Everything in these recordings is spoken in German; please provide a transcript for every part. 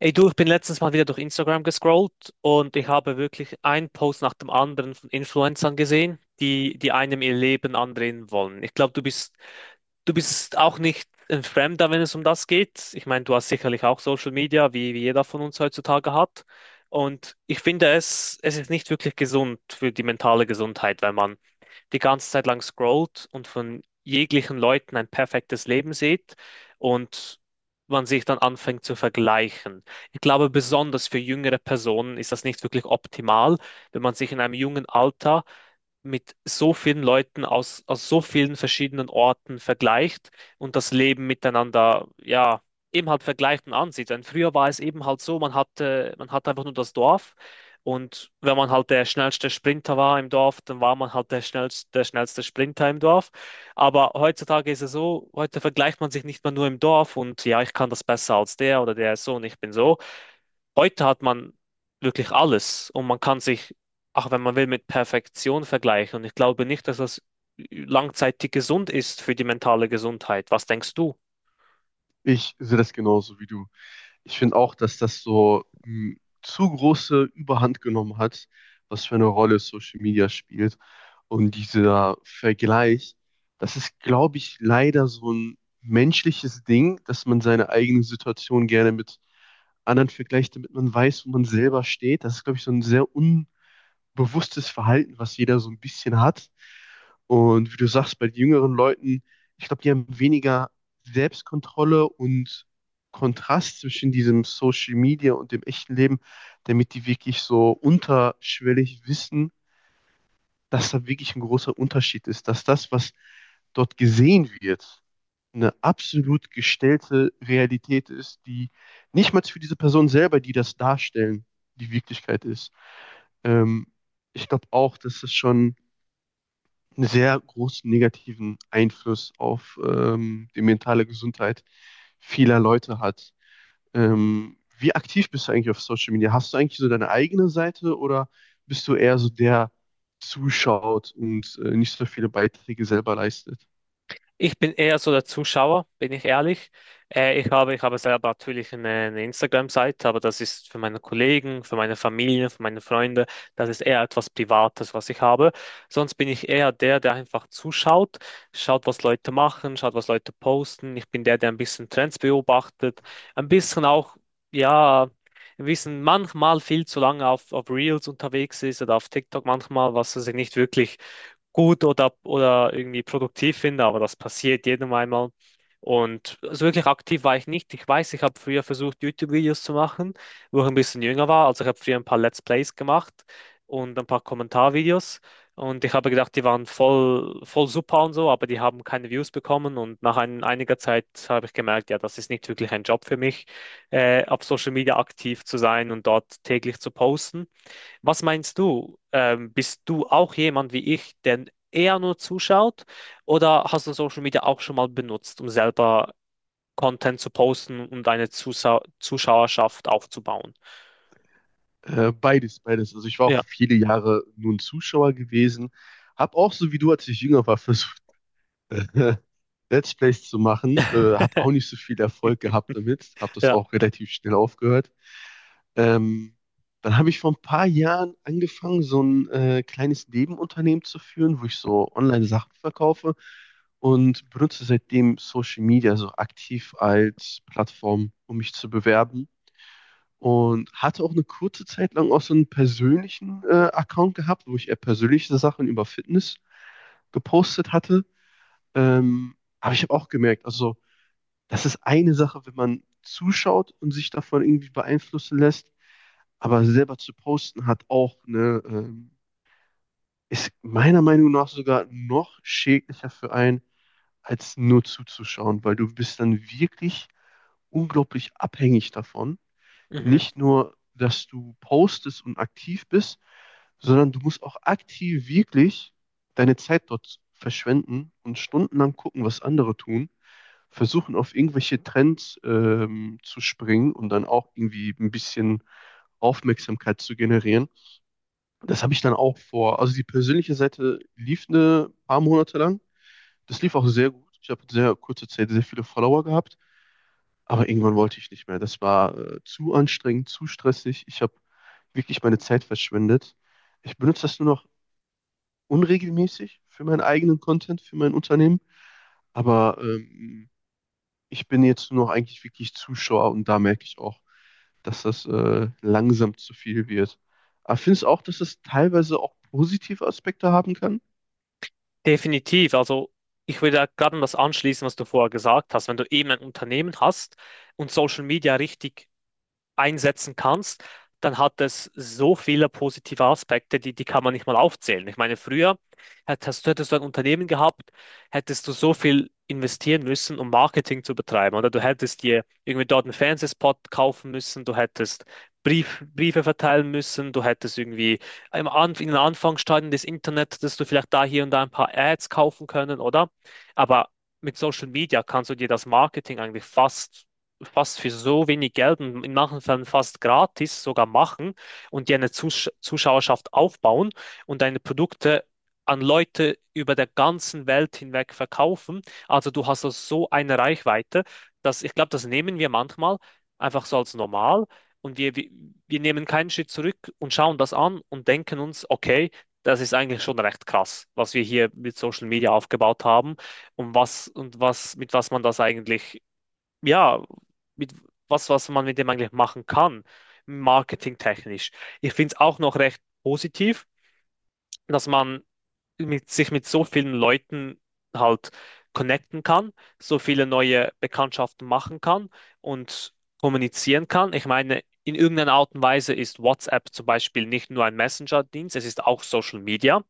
Ey du, ich bin letztens mal wieder durch Instagram gescrollt und ich habe wirklich einen Post nach dem anderen von Influencern gesehen, die einem ihr Leben andrehen wollen. Ich glaube, du bist auch nicht ein Fremder, wenn es um das geht. Ich meine, du hast sicherlich auch Social Media, wie jeder von uns heutzutage hat. Und ich finde es ist nicht wirklich gesund für die mentale Gesundheit, wenn man die ganze Zeit lang scrollt und von jeglichen Leuten ein perfektes Leben sieht und man sich dann anfängt zu vergleichen. Ich glaube, besonders für jüngere Personen ist das nicht wirklich optimal, wenn man sich in einem jungen Alter mit so vielen Leuten aus so vielen verschiedenen Orten vergleicht und das Leben miteinander, ja, eben halt vergleicht und ansieht. Denn früher war es eben halt so, man hatte einfach nur das Dorf, und wenn man halt der schnellste Sprinter war im Dorf, dann war man halt der schnellste Sprinter im Dorf. Aber heutzutage ist es so, heute vergleicht man sich nicht mehr nur im Dorf und ja, ich kann das besser als der oder der ist so und ich bin so. Heute hat man wirklich alles und man kann sich, auch wenn man will, mit Perfektion vergleichen. Und ich glaube nicht, dass das langzeitig gesund ist für die mentale Gesundheit. Was denkst du? Ich sehe das genauso wie du. Ich finde auch, dass das so zu große Überhand genommen hat, was für eine Rolle Social Media spielt. Und dieser Vergleich, das ist, glaube ich, leider so ein menschliches Ding, dass man seine eigene Situation gerne mit anderen vergleicht, damit man weiß, wo man selber steht. Das ist, glaube ich, so ein sehr unbewusstes Verhalten, was jeder so ein bisschen hat. Und wie du sagst, bei jüngeren Leuten, ich glaube, die haben weniger Selbstkontrolle und Kontrast zwischen diesem Social Media und dem echten Leben, damit die wirklich so unterschwellig wissen, dass da wirklich ein großer Unterschied ist, dass das, was dort gesehen wird, eine absolut gestellte Realität ist, die nicht mal für diese Person selber, die das darstellen, die Wirklichkeit ist. Ähm, ich glaube auch, dass es schon einen sehr großen negativen Einfluss auf die mentale Gesundheit vieler Leute hat. Wie aktiv bist du eigentlich auf Social Media? Hast du eigentlich so deine eigene Seite oder bist du eher so der zuschaut und nicht so viele Beiträge selber leistet? Ich bin eher so der Zuschauer, bin ich ehrlich. Ich habe selber natürlich eine Instagram-Seite, aber das ist für meine Kollegen, für meine Familie, für meine Freunde. Das ist eher etwas Privates, was ich habe. Sonst bin ich eher der, der einfach zuschaut, schaut, was Leute machen, schaut, was Leute posten. Ich bin der, der ein bisschen Trends beobachtet, ein bisschen auch, ja, ein bisschen manchmal viel zu lange auf Reels unterwegs ist oder auf TikTok manchmal, was also nicht wirklich gut oder irgendwie produktiv finde, aber das passiert jedem einmal. Und so wirklich aktiv war ich nicht. Ich weiß, ich habe früher versucht, YouTube-Videos zu machen, wo ich ein bisschen jünger war. Also ich habe früher ein paar Let's Plays gemacht und ein paar Kommentarvideos. Und ich habe gedacht, die waren voll, voll super und so, aber die haben keine Views bekommen. Und nach einiger Zeit habe ich gemerkt, ja, das ist nicht wirklich ein Job für mich, auf Social Media aktiv zu sein und dort täglich zu posten. Was meinst du? Bist du auch jemand wie ich, der eher nur zuschaut? Oder hast du Social Media auch schon mal benutzt, um selber Content zu posten und deine Zusa Zuschauerschaft aufzubauen? Beides, beides. Also ich war auch Ja. viele Jahre nur ein Zuschauer gewesen, habe auch so wie du, als ich jünger war, versucht, äh, Let's Plays zu machen. Hat auch nicht so viel Erfolg gehabt damit. Habe das Ja, auch relativ schnell aufgehört. Ähm, dann habe ich vor ein paar Jahren angefangen, so ein kleines Nebenunternehmen zu führen, wo ich so Online-Sachen verkaufe und benutze seitdem Social Media so aktiv als Plattform, um mich zu bewerben. Und hatte auch eine kurze Zeit lang auch so einen persönlichen Account gehabt, wo ich eher persönliche Sachen über Fitness gepostet hatte. Aber ich habe auch gemerkt, also das ist eine Sache, wenn man zuschaut und sich davon irgendwie beeinflussen lässt, aber selber zu posten hat auch ist meiner Meinung nach sogar noch schädlicher für einen, als nur zuzuschauen, weil du bist dann wirklich unglaublich abhängig davon, mhm. nicht nur, dass du postest und aktiv bist, sondern du musst auch aktiv wirklich deine Zeit dort verschwenden und stundenlang gucken, was andere tun, versuchen, auf irgendwelche Trends zu springen und dann auch irgendwie ein bisschen Aufmerksamkeit zu generieren. Das habe ich dann auch vor. Also die persönliche Seite lief ein paar Monate lang. Das lief auch sehr gut. Ich habe in sehr kurzer Zeit sehr viele Follower gehabt. Aber irgendwann wollte ich nicht mehr. Das war zu anstrengend, zu stressig. Ich habe wirklich meine Zeit verschwendet. Ich benutze das nur noch unregelmäßig für meinen eigenen Content, für mein Unternehmen. Aber ich bin jetzt nur noch eigentlich wirklich Zuschauer und da merke ich auch, dass das langsam zu viel wird. Aber findest du auch, dass es teilweise auch positive Aspekte haben kann? Definitiv. Also ich würde da gerade an das anschließen, was du vorher gesagt hast. Wenn du eben ein Unternehmen hast und Social Media richtig einsetzen kannst, dann hat es so viele positive Aspekte, die kann man nicht mal aufzählen. Ich meine, früher hättest du ein Unternehmen gehabt, hättest du so viel investieren müssen, um Marketing zu betreiben. Oder du hättest dir irgendwie dort einen Fernsehspot kaufen müssen, du hättest Briefe verteilen müssen, du hättest irgendwie im An in den Anfangsstadien des Internets, dass du vielleicht da hier und da ein paar Ads kaufen können, oder? Aber mit Social Media kannst du dir das Marketing eigentlich fast für so wenig Geld und in manchen Fällen fast gratis sogar machen und die eine Zuschauerschaft aufbauen und deine Produkte an Leute über der ganzen Welt hinweg verkaufen. Also du hast also so eine Reichweite, dass, ich glaube, das nehmen wir manchmal einfach so als normal und wir nehmen keinen Schritt zurück und schauen das an und denken uns, okay, das ist eigentlich schon recht krass, was wir hier mit Social Media aufgebaut haben und was, und was mit was man das eigentlich, ja, mit was man mit dem eigentlich machen kann, marketingtechnisch. Ich finde es auch noch recht positiv, dass man sich mit so vielen Leuten halt connecten kann, so viele neue Bekanntschaften machen kann und kommunizieren kann. Ich meine, in irgendeiner Art und Weise ist WhatsApp zum Beispiel nicht nur ein Messenger-Dienst, es ist auch Social Media.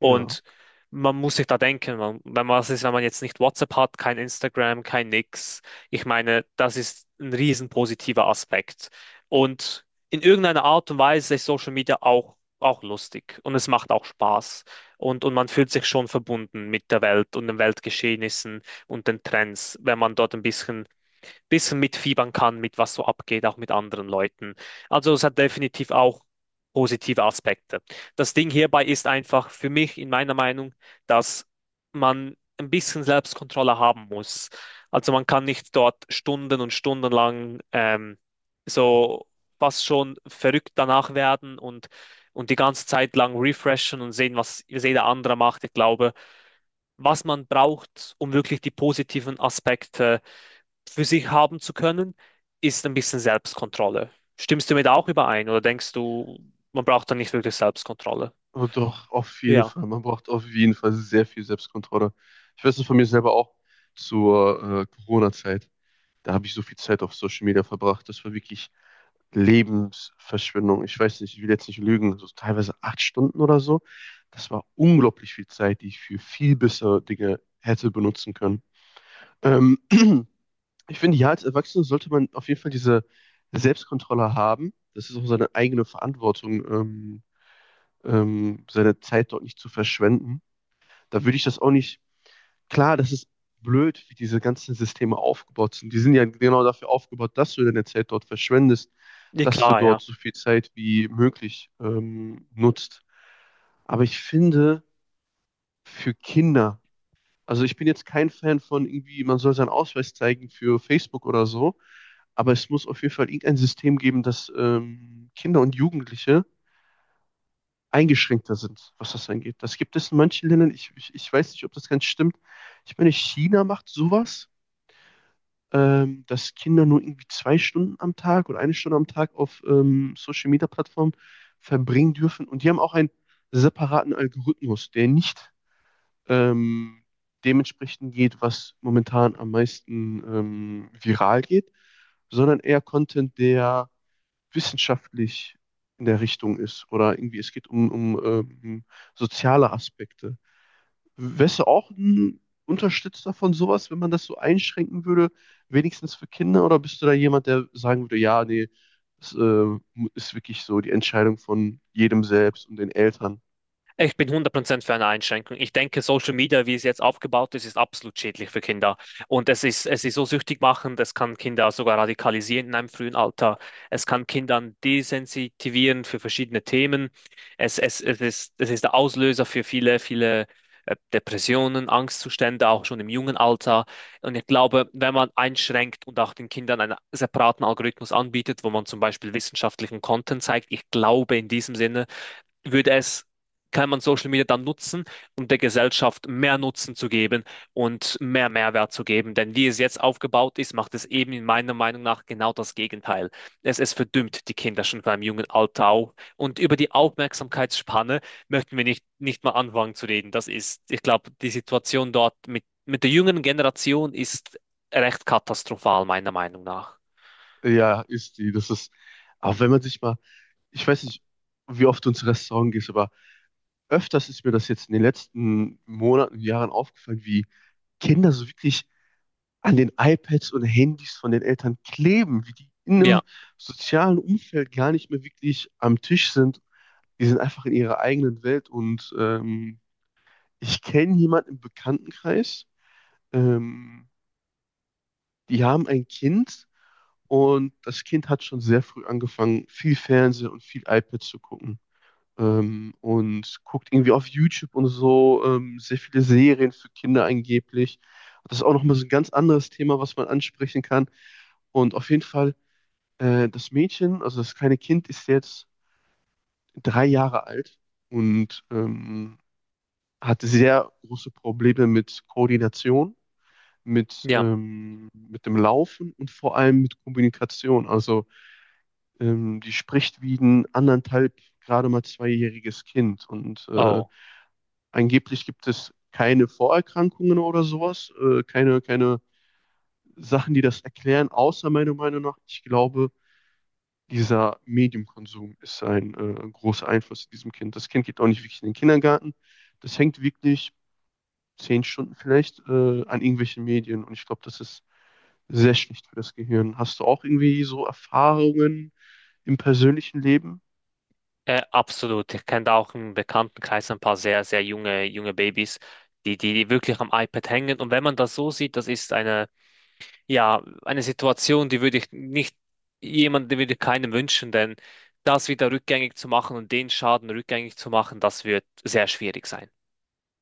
Ja. man muss sich da denken, man, wenn man, was ist, wenn man jetzt nicht WhatsApp hat, kein Instagram, kein nix. Ich meine, das ist ein riesen positiver Aspekt. Und in irgendeiner Art und Weise ist Social Media auch lustig, und es macht auch Spaß. Und man fühlt sich schon verbunden mit der Welt und den Weltgeschehnissen und den Trends, wenn man dort ein bisschen mitfiebern kann mit was so abgeht, auch mit anderen Leuten. Also es hat definitiv auch positive Aspekte. Das Ding hierbei ist einfach für mich in meiner Meinung, dass man ein bisschen Selbstkontrolle haben muss. Also man kann nicht dort Stunden und Stunden lang so fast schon verrückt danach werden und die ganze Zeit lang refreshen und sehen, was jeder andere macht. Ich glaube, was man braucht, um wirklich die positiven Aspekte für sich haben zu können, ist ein bisschen Selbstkontrolle. Stimmst du mit auch überein, oder denkst du, man braucht da nicht wirklich Selbstkontrolle? Aber doch, auf jeden Ja, Fall. Man braucht auf jeden Fall sehr viel Selbstkontrolle. Ich weiß es von mir selber auch zur Corona-Zeit. Da habe ich so viel Zeit auf Social Media verbracht. Das war wirklich Lebensverschwendung. Ich weiß nicht, ich will jetzt nicht lügen. So teilweise 8 Stunden oder so. Das war unglaublich viel Zeit, die ich für viel bessere Dinge hätte benutzen können. Ähm, Ich finde, ja, als Erwachsener sollte man auf jeden Fall diese Selbstkontrolle haben. Das ist auch seine eigene Verantwortung, seine Zeit dort nicht zu verschwenden. Da würde ich das auch nicht. Klar, das ist blöd, wie diese ganzen Systeme aufgebaut sind. Die sind ja genau dafür aufgebaut, dass du deine Zeit dort verschwendest, ja dass du klar, ja. dort so viel Zeit wie möglich nutzt. Aber ich finde, für Kinder, also ich bin jetzt kein Fan von irgendwie, man soll seinen Ausweis zeigen für Facebook oder so, aber es muss auf jeden Fall irgendein System geben, dass Kinder und Jugendliche eingeschränkter sind, was das angeht. Das gibt es in manchen Ländern, ich weiß nicht, ob das ganz stimmt. Ich meine, China macht sowas, dass Kinder nur irgendwie 2 Stunden am Tag oder 1 Stunde am Tag auf Social-Media-Plattformen verbringen dürfen. Und die haben auch einen separaten Algorithmus, der nicht ähm, dementsprechend geht, was momentan am meisten viral geht, sondern eher Content, der wissenschaftlich in der Richtung ist, oder irgendwie es geht um soziale Aspekte. Wärst du auch ein Unterstützer von sowas, wenn man das so einschränken würde, wenigstens für Kinder? Oder bist du da jemand, der sagen würde, ja, nee, es ist wirklich so die Entscheidung von jedem selbst und den Eltern? Ich bin 100% für eine Einschränkung. Ich denke, Social Media, wie es jetzt aufgebaut ist, ist absolut schädlich für Kinder. Und es ist so süchtig machend, es kann Kinder sogar radikalisieren in einem frühen Alter. Es kann Kindern desensitivieren für verschiedene Themen. Es ist der Auslöser für viele, viele Depressionen, Angstzustände, auch schon im jungen Alter. Und ich glaube, wenn man einschränkt und auch den Kindern einen separaten Algorithmus anbietet, wo man zum Beispiel wissenschaftlichen Content zeigt, ich glaube, in diesem Sinne würde es, kann man Social Media dann nutzen, um der Gesellschaft mehr Nutzen zu geben und mehr Mehrwert zu geben. Denn wie es jetzt aufgebaut ist, macht es eben in meiner Meinung nach genau das Gegenteil. Es verdümmt die Kinder schon beim jungen Alter auf. Und über die Aufmerksamkeitsspanne möchten wir nicht, nicht mal anfangen zu reden. Das ist, ich glaube, die Situation dort mit der jüngeren Generation ist recht katastrophal, meiner Meinung nach. Ja, ist die. Das ist, auch wenn man sich mal, ich weiß nicht, wie oft du ins Restaurant gehst, aber öfters ist mir das jetzt in den letzten Monaten, Jahren aufgefallen, wie Kinder so wirklich an den iPads und Handys von den Eltern kleben, wie die in Ja, einem sozialen Umfeld gar nicht mehr wirklich am Tisch sind. Die sind einfach in ihrer eigenen Welt und ich kenne jemanden im Bekanntenkreis, ähm, die haben ein Kind und das Kind hat schon sehr früh angefangen, viel Fernsehen und viel iPad zu gucken. Und guckt irgendwie auf YouTube und so sehr viele Serien für Kinder angeblich. Das ist auch nochmal so ein ganz anderes Thema, was man ansprechen kann. Und auf jeden Fall, das Mädchen, also das kleine Kind, ist jetzt 3 Jahre alt und hat sehr große Probleme mit Koordination, mit, ja. ähm, mit dem Laufen und vor allem mit Kommunikation. Also die spricht wie ein anderthalb, gerade mal zweijähriges Kind und Oh. angeblich gibt es keine Vorerkrankungen oder sowas, keine Sachen, die das erklären, außer meiner Meinung nach, ich glaube, dieser Mediumkonsum ist ein großer Einfluss in diesem Kind. Das Kind geht auch nicht wirklich in den Kindergarten. Das hängt wirklich 10 Stunden vielleicht an irgendwelchen Medien. Und ich glaube, das ist sehr schlecht für das Gehirn. Hast du auch irgendwie so Erfahrungen im persönlichen Leben? Absolut. Ich kenne da auch im Bekanntenkreis ein paar sehr, sehr junge, junge Babys, die wirklich am iPad hängen. Und wenn man das so sieht, das ist eine Situation, die würde ich nicht, jemand, die würde ich keinem wünschen, denn das wieder rückgängig zu machen und den Schaden rückgängig zu machen, das wird sehr schwierig sein.